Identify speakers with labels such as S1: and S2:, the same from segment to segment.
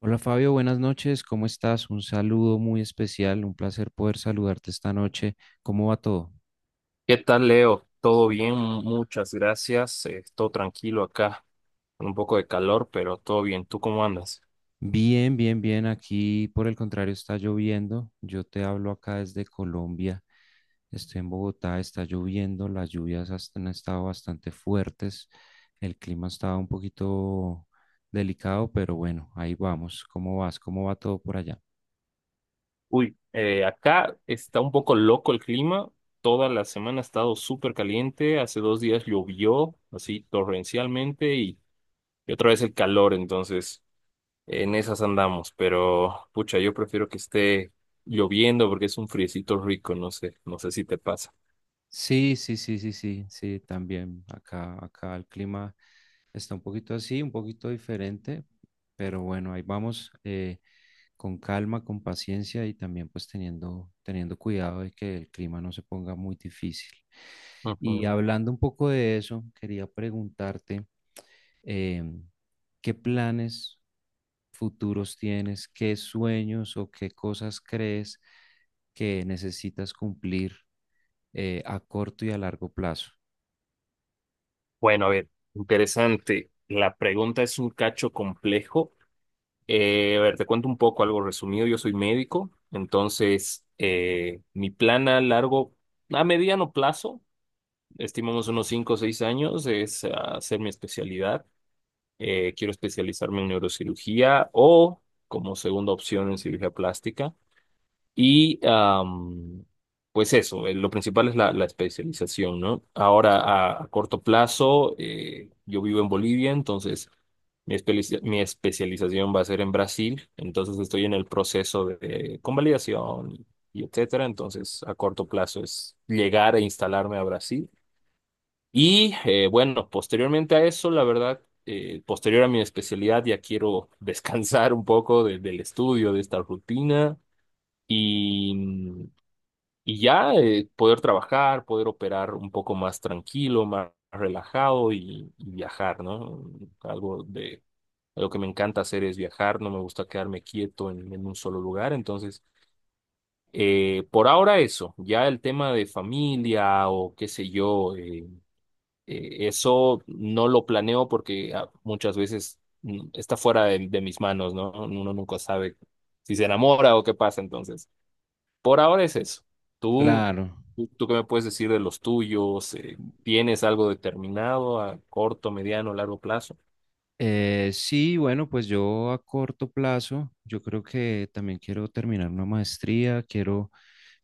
S1: Hola Fabio, buenas noches, ¿cómo estás? Un saludo muy especial, un placer poder saludarte esta noche. ¿Cómo va todo?
S2: ¿Qué tal, Leo? ¿Todo bien? Muchas gracias. Estoy tranquilo acá, con un poco de calor, pero todo bien. ¿Tú cómo andas?
S1: Bien, bien, bien. Aquí por el contrario está lloviendo. Yo te hablo acá desde Colombia. Estoy en Bogotá, está lloviendo, las lluvias han estado bastante fuertes. El clima estaba un poquito delicado, pero bueno, ahí vamos. ¿Cómo vas? ¿Cómo va todo por allá?
S2: Acá está un poco loco el clima. Toda la semana ha estado súper caliente. Hace dos días llovió, así torrencialmente, y otra vez el calor. Entonces, en esas andamos. Pero, pucha, yo prefiero que esté lloviendo porque es un friecito rico. No sé si te pasa.
S1: Sí, sí, sí, sí, sí, sí, también acá, acá el clima. Está un poquito así, un poquito diferente, pero bueno, ahí vamos con calma, con paciencia y también pues teniendo cuidado de que el clima no se ponga muy difícil. Y
S2: Ujú.
S1: hablando un poco de eso, quería preguntarte em, qué planes futuros tienes, qué sueños o qué cosas crees que necesitas cumplir a corto y a largo plazo.
S2: Bueno, a ver, interesante. La pregunta es un cacho complejo. A ver, te cuento un poco algo resumido. Yo soy médico, entonces mi plan a largo, a mediano plazo, estimamos unos 5 o 6 años, es hacer mi especialidad. Quiero especializarme en neurocirugía o como segunda opción en cirugía plástica. Y am, pues eso, lo principal es la especialización, ¿no? Ahora, a corto plazo, yo vivo en Bolivia, entonces mi especialización va a ser en Brasil, entonces estoy en el proceso de convalidación y etcétera, entonces a corto plazo es llegar a instalarme a Brasil. Y bueno, posteriormente a eso, la verdad, posterior a mi especialidad ya quiero descansar un poco del estudio, de esta rutina. Y y ya poder trabajar, poder operar un poco más tranquilo, más relajado y viajar, ¿no? Algo de lo que me encanta hacer es viajar, no me gusta quedarme quieto en un solo lugar, entonces por ahora eso. Ya el tema de familia o qué sé yo, eso no lo planeo porque muchas veces está fuera de mis manos, ¿no? Uno nunca sabe si se enamora o qué pasa entonces. Por ahora es eso. ¿Tú,
S1: Claro.
S2: tú qué me puedes decir de los tuyos? ¿Tienes algo determinado a corto, mediano, largo plazo?
S1: Sí, bueno, pues yo a corto plazo, yo creo que también quiero terminar una maestría, quiero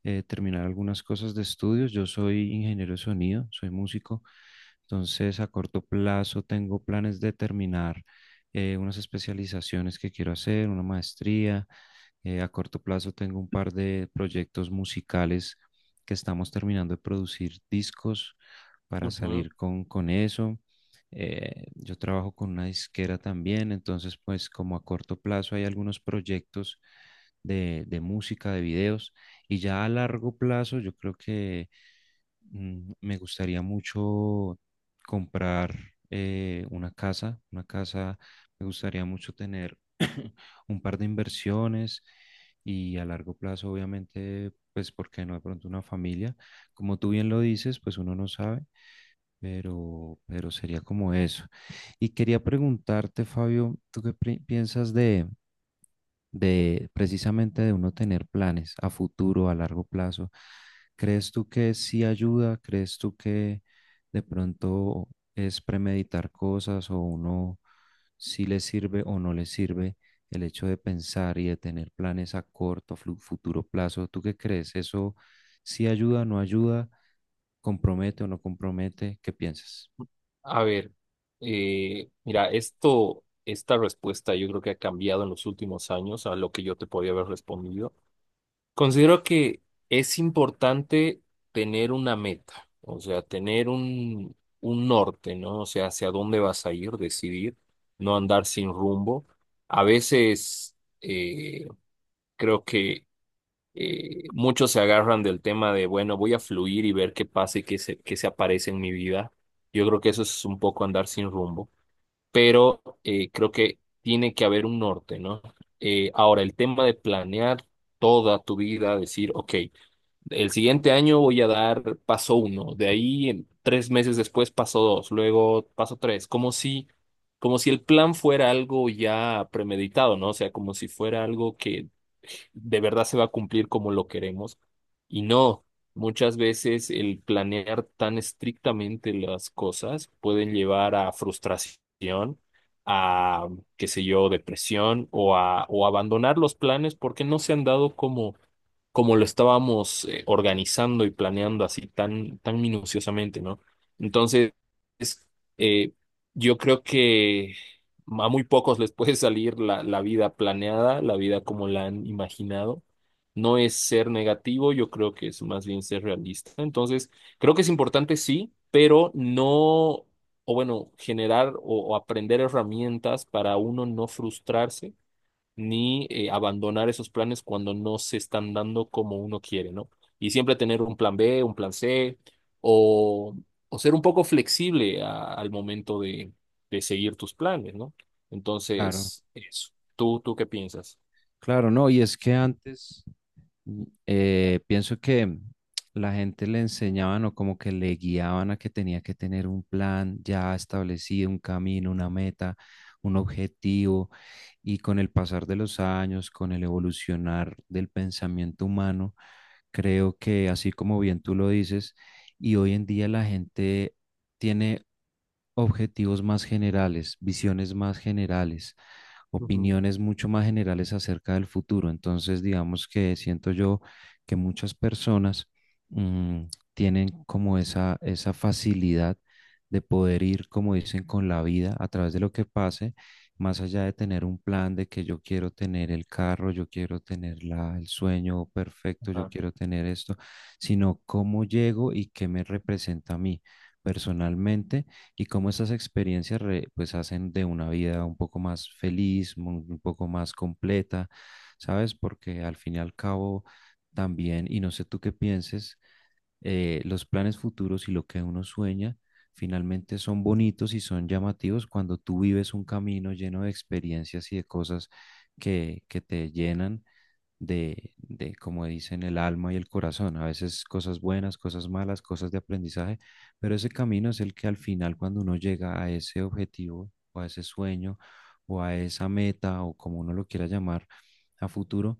S1: terminar algunas cosas de estudios. Yo soy ingeniero de sonido, soy músico, entonces a corto plazo tengo planes de terminar unas especializaciones que quiero hacer, una maestría, a corto plazo tengo un par de proyectos musicales que estamos terminando de producir discos para
S2: Ujú.
S1: salir con eso. Yo trabajo con una disquera también, entonces pues como a corto plazo hay algunos proyectos de música, de videos, y ya a largo plazo yo creo que me gustaría mucho comprar una casa, me gustaría mucho tener un par de inversiones y a largo plazo, obviamente, pues, porque no de pronto una familia? Como tú bien lo dices, pues uno no sabe, pero sería como eso. Y quería preguntarte, Fabio, ¿tú qué piensas de precisamente de uno tener planes a futuro, a largo plazo? ¿Crees tú que sí ayuda? ¿Crees tú que de pronto es premeditar cosas o uno sí le sirve o no le sirve el hecho de pensar y de tener planes a corto, futuro plazo? ¿Tú qué crees? ¿Eso sí ayuda o no ayuda? ¿Compromete o no compromete? ¿Qué piensas?
S2: A ver, mira, esto, esta respuesta yo creo que ha cambiado en los últimos años a lo que yo te podía haber respondido. Considero que es importante tener una meta, o sea, tener un norte, ¿no? O sea, hacia dónde vas a ir, decidir, no andar sin rumbo. A veces... eh, Creo que muchos se agarran del tema de, bueno, voy a fluir y ver qué pasa y qué se aparece en mi vida. Yo creo que eso es un poco andar sin rumbo, pero creo que tiene que haber un norte, ¿no? Ahora, el tema de planear toda tu vida, decir, ok. El siguiente año voy a dar paso uno, tres meses después paso dos, luego paso tres, como si el plan fuera algo ya premeditado, ¿no? O sea, como si fuera algo que de verdad se va a cumplir como lo queremos. Y no, muchas veces el planear tan estrictamente las cosas pueden llevar a frustración, a, qué sé yo, depresión o o abandonar los planes porque no se han dado como lo estábamos organizando y planeando así tan, tan minuciosamente, ¿no? Entonces, eh, yo creo que a muy pocos les puede salir la vida planeada, la vida como la han imaginado. No es ser negativo, yo creo que es más bien ser realista. Entonces, creo que es importante, sí, pero no, o bueno, generar o aprender herramientas para uno no frustrarse ni abandonar esos planes cuando no se están dando como uno quiere, ¿no? Y siempre tener un plan B, un plan C, o, o ser un poco flexible al momento de seguir tus planes, ¿no?
S1: Claro,
S2: Entonces, eso. ¿Tú qué piensas?
S1: claro, no. Y es que antes... pienso que la gente le enseñaban o como que le guiaban a que tenía que tener un plan ya establecido, un camino, una meta, un objetivo, y con el pasar de los años, con el evolucionar del pensamiento humano, creo que así como bien tú lo dices, y hoy en día la gente tiene objetivos más generales, visiones más generales,
S2: Ujú.
S1: opiniones mucho más generales acerca del futuro. Entonces, digamos que siento yo que muchas personas mm, tienen como esa facilidad de poder ir, como dicen, con la vida a través de lo que pase, más allá de tener un plan de que yo quiero tener el carro, yo quiero tener la, el sueño perfecto, yo
S2: Ah,
S1: quiero tener esto, sino cómo llego y qué me representa a mí personalmente y cómo esas experiencias pues hacen de una vida un poco más feliz, un poco más completa, ¿sabes? Porque al fin y al cabo también, y no sé tú qué pienses, los planes futuros y lo que uno sueña finalmente son bonitos y son llamativos cuando tú vives un camino lleno de experiencias y de cosas que te llenan de, como dicen, el alma y el corazón. A veces cosas buenas, cosas malas, cosas de aprendizaje, pero ese camino es el que al final cuando uno llega a ese objetivo o a ese sueño o a esa meta o como uno lo quiera llamar a futuro,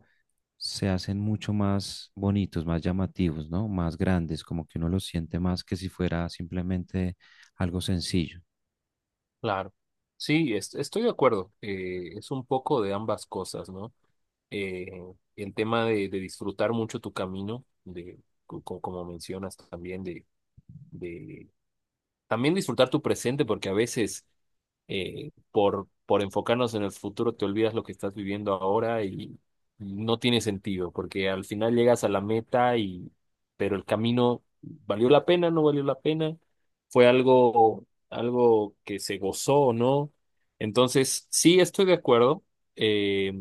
S1: se hacen mucho más bonitos, más llamativos, ¿no? Más grandes, como que uno los siente más que si fuera simplemente algo sencillo.
S2: claro. Sí, estoy de acuerdo. Es un poco de ambas cosas, ¿no? Eh, el tema de disfrutar mucho tu camino, de, como mencionas también, de también disfrutar tu presente porque a veces por enfocarnos en el futuro te olvidas lo que estás viviendo ahora y no tiene sentido porque al final llegas a la meta y pero el camino valió la pena, no valió la pena, fue algo, algo que se gozó o no. Entonces, sí, estoy de acuerdo. Eh,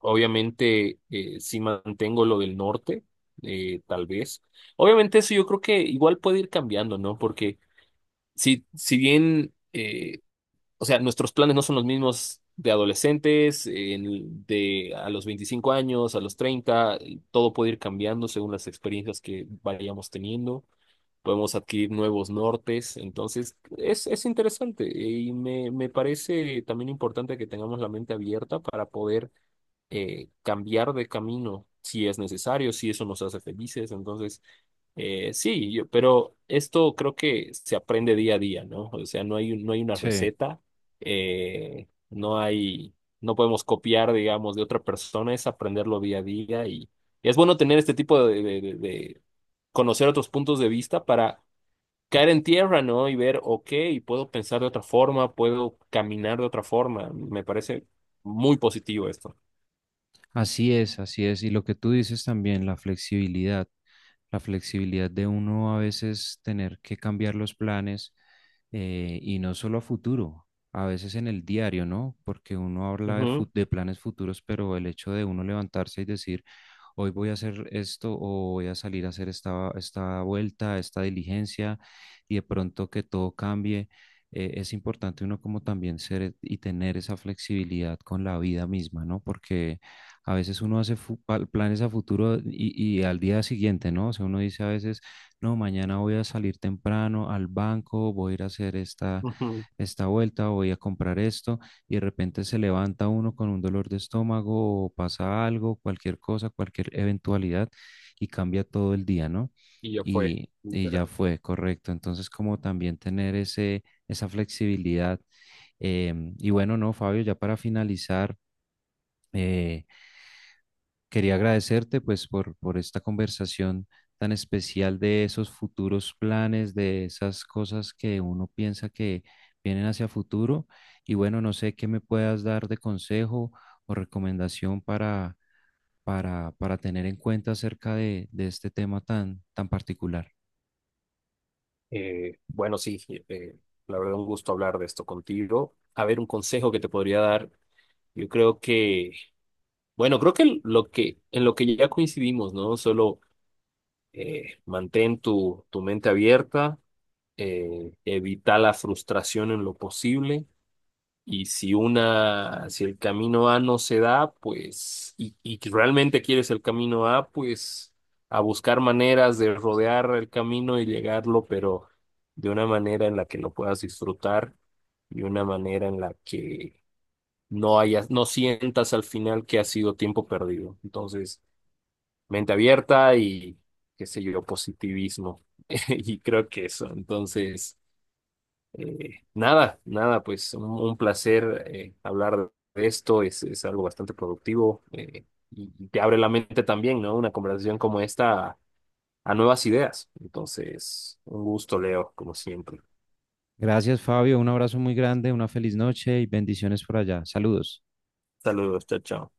S2: Obviamente, sí mantengo lo del norte, tal vez. Obviamente eso yo creo que igual puede ir cambiando, ¿no? Porque si bien, o sea, nuestros planes no son los mismos de adolescentes, de a los 25 años, a los 30, todo puede ir cambiando según las experiencias que vayamos teniendo. Podemos adquirir nuevos nortes, entonces es interesante y me parece también importante que tengamos la mente abierta para poder cambiar de camino si es necesario, si eso nos hace felices. Entonces, sí, pero esto creo que se aprende día a día, ¿no? O sea, no hay, no hay una
S1: Sí,
S2: receta, no hay, no podemos copiar, digamos, de otra persona, es aprenderlo día a día y es bueno tener este tipo de, de conocer otros puntos de vista para caer en tierra, ¿no? Y ver, ok, puedo pensar de otra forma, puedo caminar de otra forma. Me parece muy positivo esto.
S1: así es, así es. Y lo que tú dices también, la flexibilidad. La flexibilidad de uno a veces tener que cambiar los planes y no solo a futuro, a veces en el diario, ¿no? Porque uno habla de,
S2: Ujú,
S1: de planes futuros, pero el hecho de uno levantarse y decir, hoy voy a hacer esto o voy a salir a hacer esta, esta vuelta, esta diligencia y de pronto que todo cambie. Es importante uno como también ser y tener esa flexibilidad con la vida misma, ¿no? Porque a veces uno hace planes a futuro y al día siguiente, ¿no? O sea, uno dice a veces, no, mañana voy a salir temprano al banco, voy a ir a hacer esta,
S2: ujú.
S1: esta vuelta, voy a comprar esto, y de repente se levanta uno con un dolor de estómago o pasa algo, cualquier cosa, cualquier eventualidad, y cambia todo el día, ¿no?
S2: Y ya fue.
S1: Y ya
S2: Literal.
S1: fue, correcto. Entonces, como también tener ese, esa flexibilidad. Y bueno, no, Fabio, ya para finalizar. eh, Quería agradecerte pues por esta conversación tan especial de esos futuros planes, de esas cosas que uno piensa que vienen hacia futuro. Y bueno, no sé qué me puedas dar de consejo o recomendación para tener en cuenta acerca de este tema tan, tan particular.
S2: Bueno, sí, eh, la verdad un gusto hablar de esto contigo. A ver, un consejo que te podría dar. Yo creo que, bueno, creo que lo que en lo que ya coincidimos, ¿no? Solo mantén tu, tu mente abierta, evita la frustración en lo posible y si una, si el camino A no se da, pues, y que realmente quieres el camino A, pues a buscar maneras de rodear el camino y llegarlo, pero de una manera en la que lo puedas disfrutar y una manera en la que no hayas, no sientas al final que ha sido tiempo perdido. Entonces, mente abierta y, qué sé yo, positivismo. Y creo que eso. Entonces. Nada, pues un placer hablar de esto, es algo bastante productivo y te abre la mente también, ¿no? Una conversación como esta a nuevas ideas. Entonces, un gusto, Leo, como siempre.
S1: Gracias, Fabio. Un abrazo muy grande, una feliz noche y bendiciones por allá. Saludos.
S2: Saludos, chao, chao.